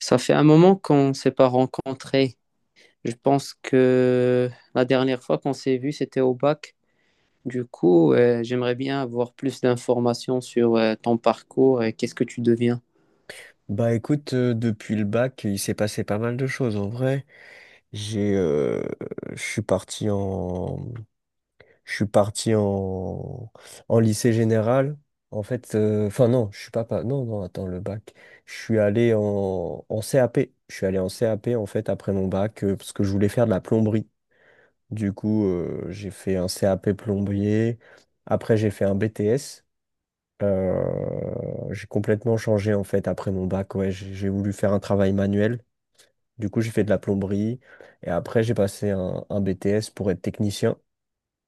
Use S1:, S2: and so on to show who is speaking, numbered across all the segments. S1: Ça fait un moment qu'on ne s'est pas rencontrés. Je pense que la dernière fois qu'on s'est vu, c'était au bac. J'aimerais bien avoir plus d'informations sur ton parcours et qu'est-ce que tu deviens.
S2: Bah écoute, depuis le bac, il s'est passé pas mal de choses en vrai. J'ai, je suis parti en, Je suis parti en lycée général. En fait, enfin non, je suis pas, pas, non non, attends le bac. Je suis allé en CAP. Je suis allé en CAP en fait après mon bac, parce que je voulais faire de la plomberie. Du coup, j'ai fait un CAP plombier. Après, j'ai fait un BTS. Euh, j'ai complètement changé en fait après mon bac. Ouais, j'ai voulu faire un travail manuel. Du coup, j'ai fait de la plomberie et après, j'ai passé un BTS pour être technicien,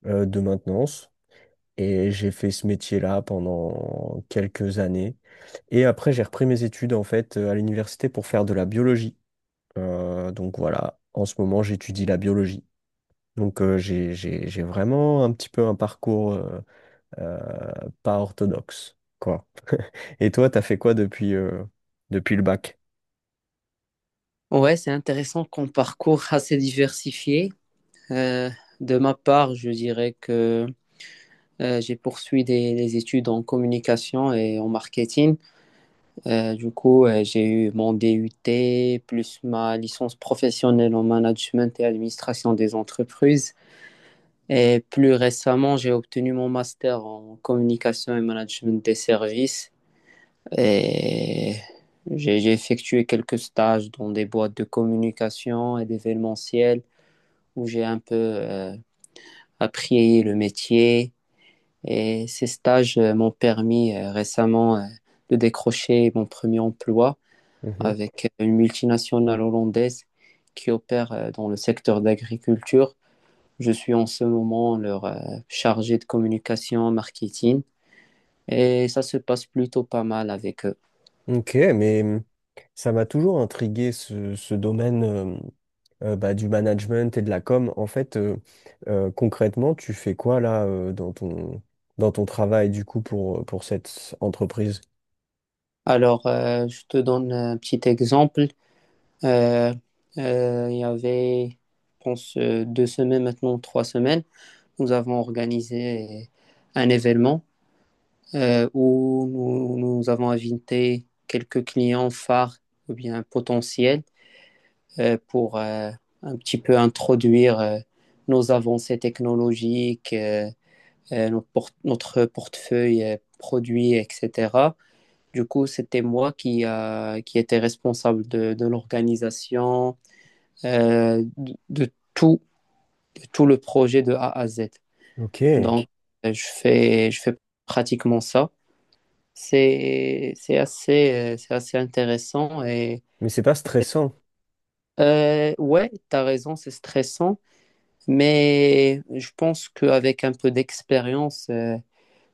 S2: de maintenance. Et j'ai fait ce métier-là pendant quelques années. Et après, j'ai repris mes études en fait, à l'université pour faire de la biologie. Donc voilà, en ce moment, j'étudie la biologie. Donc, j'ai vraiment un petit peu un parcours, euh, pas orthodoxe, quoi. Et toi, t'as fait quoi depuis le bac?
S1: Ouais, c'est intéressant qu'on parcours assez diversifié. Euh, de ma part, je dirais que j'ai poursuivi des études en communication et en marketing. J'ai eu mon DUT plus ma licence professionnelle en management et administration des entreprises. Et plus récemment, j'ai obtenu mon master en communication et management des services. Et j'ai effectué quelques stages dans des boîtes de communication et d'événementiel où j'ai un peu appris le métier. Et ces stages m'ont permis récemment de décrocher mon premier emploi avec une multinationale hollandaise qui opère dans le secteur d'agriculture. Je suis en ce moment leur chargé de communication, marketing, et ça se passe plutôt pas mal avec eux.
S2: Ok, mais, ça m'a toujours intrigué ce domaine, bah, du management et de la com. En fait, concrètement, tu fais quoi là, dans ton travail du coup pour cette entreprise?
S1: Alors, je te donne un petit exemple. Euh, euh, il y avait, je pense, deux semaines maintenant, trois semaines, nous avons organisé un événement où nous avons invité quelques clients phares ou bien potentiels pour un petit peu introduire nos avancées technologiques. Notre portefeuille produits, etc. Du coup, c'était moi qui qui était responsable de l'organisation, euh, de, de tout, de tout le projet de A à Z.
S2: Ok, mais
S1: Donc, je fais pratiquement ça. C'est assez intéressant. Et
S2: c'est pas stressant.
S1: ouais, t'as raison, c'est stressant, mais je pense qu'avec un peu d'expérience,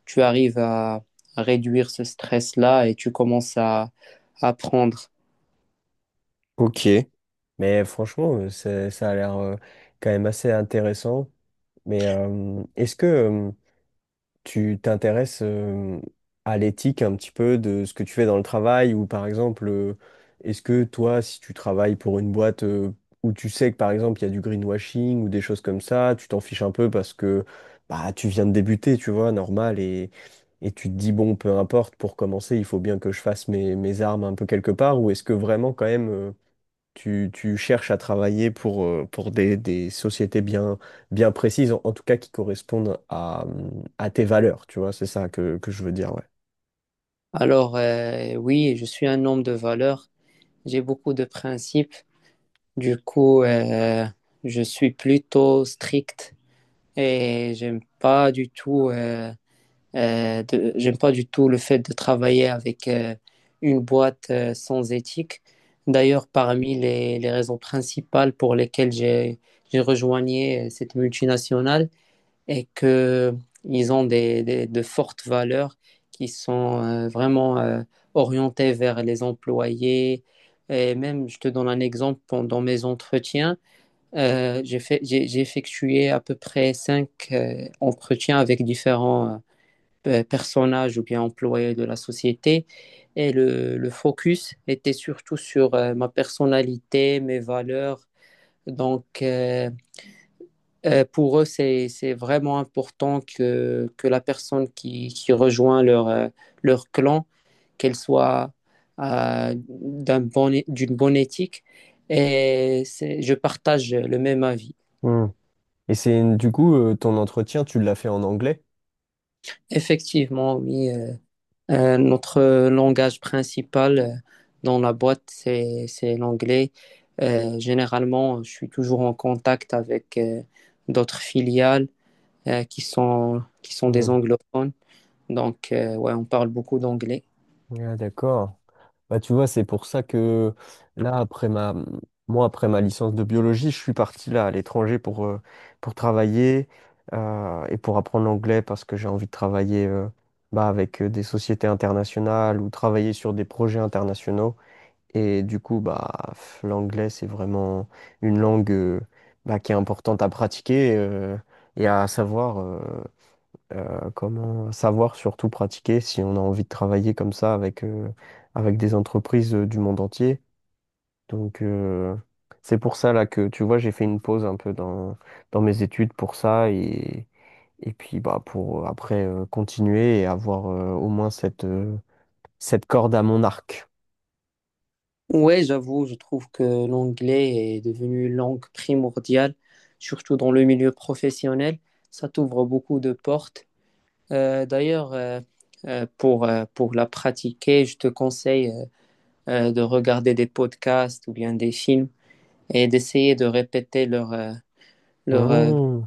S1: tu arrives à réduire ce stress-là et tu commences à apprendre.
S2: Ok. Mais franchement, ça a l'air, quand même assez intéressant. Mais, est-ce que tu t'intéresses, à l'éthique un petit peu de ce que tu fais dans le travail ou par exemple, est-ce que toi, si tu travailles pour une boîte, où tu sais que par exemple il y a du greenwashing ou des choses comme ça, tu t'en fiches un peu parce que bah, tu viens de débuter, tu vois, normal, et tu te dis, bon, peu importe, pour commencer, il faut bien que je fasse mes armes un peu quelque part, ou est-ce que vraiment quand même, tu cherches à travailler pour des sociétés bien précises, en tout cas qui correspondent à tes valeurs, tu vois, c'est ça que je veux dire, ouais.
S1: Alors, oui, je suis un homme de valeur. J'ai beaucoup de principes. Du coup, euh, je suis plutôt strict et j'aime pas du tout le fait de travailler avec une boîte sans éthique. D'ailleurs, parmi les raisons principales pour lesquelles j'ai rejoigné cette multinationale, et que ils ont de fortes valeurs qui sont vraiment orientées vers les employés. Et même, je te donne un exemple, pendant mes entretiens, j'ai effectué à peu près cinq entretiens avec différents personnages ou bien employés de la société. Et le focus était surtout sur ma personnalité, mes valeurs. Donc, pour eux, c'est vraiment important que la personne qui rejoint leur, leur clan, qu'elle soit d'une bonne éthique. Et je partage le même avis.
S2: Hmm. Et c'est du coup, ton entretien, tu l'as fait en anglais?
S1: Effectivement, oui, notre langage principal dans la boîte, c'est l'anglais. Généralement, je suis toujours en contact avec d'autres filiales qui sont
S2: Hmm.
S1: des anglophones. Donc, ouais, on parle beaucoup d'anglais.
S2: Ah, d'accord. Bah, tu vois, c'est pour ça que là, moi, après ma licence de biologie, je suis parti là à l'étranger pour travailler, et pour apprendre l'anglais parce que j'ai envie de travailler, bah, avec, des sociétés internationales ou travailler sur des projets internationaux. Et du coup, bah, l'anglais, c'est vraiment une langue, bah, qui est importante à pratiquer, et à savoir. Comment savoir surtout pratiquer si on a envie de travailler comme ça avec des entreprises, du monde entier. Donc, c'est pour ça là que tu vois j'ai fait une pause un peu dans mes études pour ça, et puis bah pour, après, continuer et avoir, au moins cette corde à mon arc.
S1: Ouais, j'avoue, je trouve que l'anglais est devenu une langue primordiale, surtout dans le milieu professionnel. Ça t'ouvre beaucoup de portes. Euh, d'ailleurs, euh, pour la pratiquer, je te conseille de regarder des podcasts ou bien des films et d'essayer de répéter leur, euh,
S2: Hmm.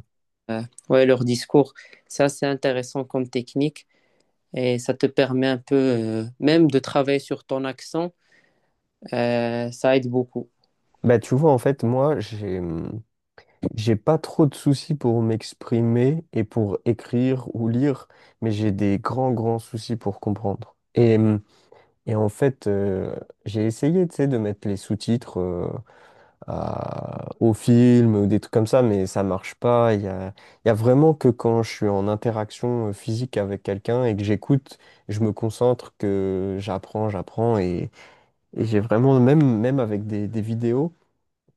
S1: euh, ouais, leur discours. Ça, c'est intéressant comme technique et ça te permet un peu même de travailler sur ton accent. Ça aide beaucoup.
S2: Bah tu vois en fait moi, j'ai pas trop de soucis pour m'exprimer et pour écrire ou lire, mais j'ai des grands, grands soucis pour comprendre. Et en fait, j'ai essayé, tu sais, de mettre les sous-titres, au film ou des trucs comme ça, mais ça marche pas. Il y a vraiment que quand je suis en interaction, physique avec quelqu'un et que j'écoute, je me concentre, que j'apprends, j'apprends. Et j'ai vraiment, même, même avec des vidéos,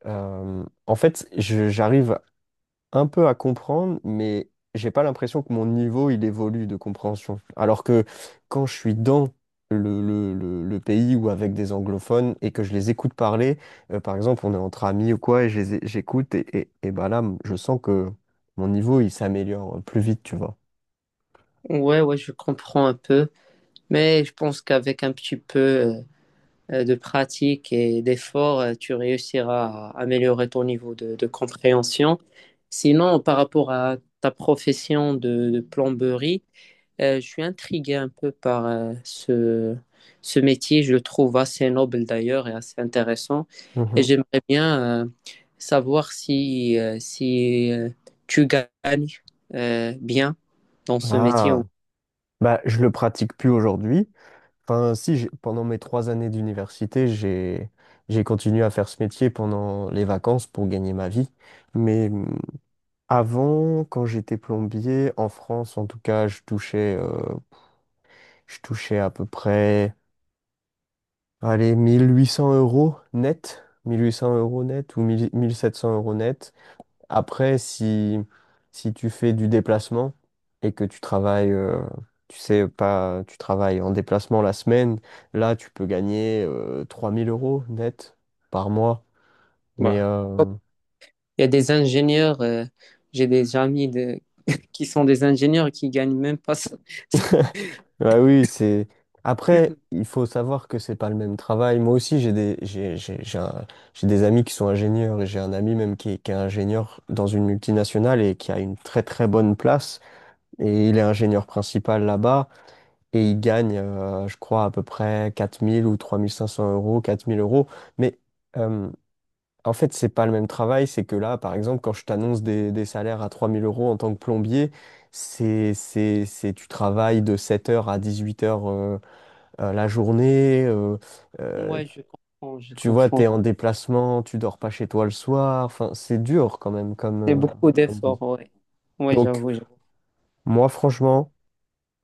S2: en fait, j'arrive un peu à comprendre, mais j'ai pas l'impression que mon niveau il évolue de compréhension. Alors que quand je suis dans le pays ou avec des anglophones et que je les écoute parler, par exemple, on est entre amis ou quoi, et je les j'écoute, et bah là, je sens que mon niveau il s'améliore plus vite, tu vois.
S1: Ouais, ouais, je comprends un peu, mais je pense qu'avec un petit peu de pratique et d'effort, tu réussiras à améliorer ton niveau de compréhension. Sinon, par rapport à ta profession de plomberie, je suis intrigué un peu par ce métier. Je le trouve assez noble d'ailleurs et assez intéressant. Et
S2: Mhm.
S1: j'aimerais bien savoir si, tu gagnes bien dans ce métier.
S2: Ah,
S1: Ou-
S2: bah, je le pratique plus aujourd'hui. Enfin, si, pendant mes 3 années d'université, j'ai continué à faire ce métier pendant les vacances pour gagner ma vie. Mais, avant, quand j'étais plombier, en France, en tout cas, je touchais à peu près, allez, 1800 euros net, 1800 euros net ou 1000 1700 euros net. Après, si tu fais du déplacement et que tu travailles, tu sais pas, tu travailles en déplacement la semaine, là, tu peux gagner, 3000 euros net par mois. Mais,
S1: voilà. Il y a des ingénieurs, j'ai des amis de- qui sont des ingénieurs et qui gagnent même pas ça.
S2: ah oui, c'est. Après, il faut savoir que c'est pas le même travail. Moi aussi, j'ai des amis qui sont ingénieurs et j'ai un ami même qui est, ingénieur dans une multinationale et qui a une très très bonne place. Et il est ingénieur principal là-bas et il gagne, je crois, à peu près 4000 ou 3500 euros, 4000 euros. Mais, euh, en fait, c'est pas le même travail. C'est que là, par exemple, quand je t'annonce des salaires à 3000 euros en tant que plombier, tu travailles de 7h à 18h, la journée, euh,
S1: Moi, je comprends, je
S2: tu vois,
S1: comprends.
S2: t'es en déplacement, tu dors pas chez toi le soir, enfin, c'est dur quand même comme,
S1: C'est
S2: euh,
S1: beaucoup
S2: comme vie.
S1: d'efforts, ouais. Ouais,
S2: Donc,
S1: j'avoue.
S2: moi, franchement,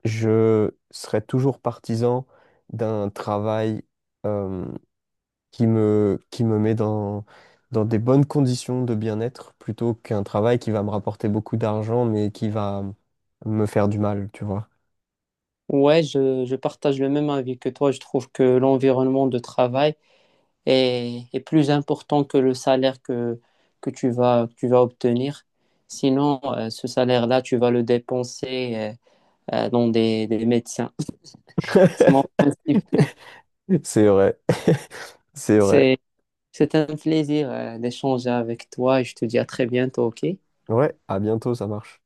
S2: je serais toujours partisan d'un travail, euh, qui me met dans des bonnes conditions de bien-être plutôt qu'un travail qui va me rapporter beaucoup d'argent mais qui va me faire du mal, tu vois.
S1: Ouais, je partage le même avis que toi. Je trouve que l'environnement de travail est, est plus important que le salaire que que tu vas obtenir. Sinon, ce salaire-là, tu vas le dépenser dans des médecins. C'est mon principe.
S2: C'est vrai. C'est vrai.
S1: C'est, c'est un plaisir d'échanger avec toi et je te dis à très bientôt, OK?
S2: Ouais, à bientôt, ça marche.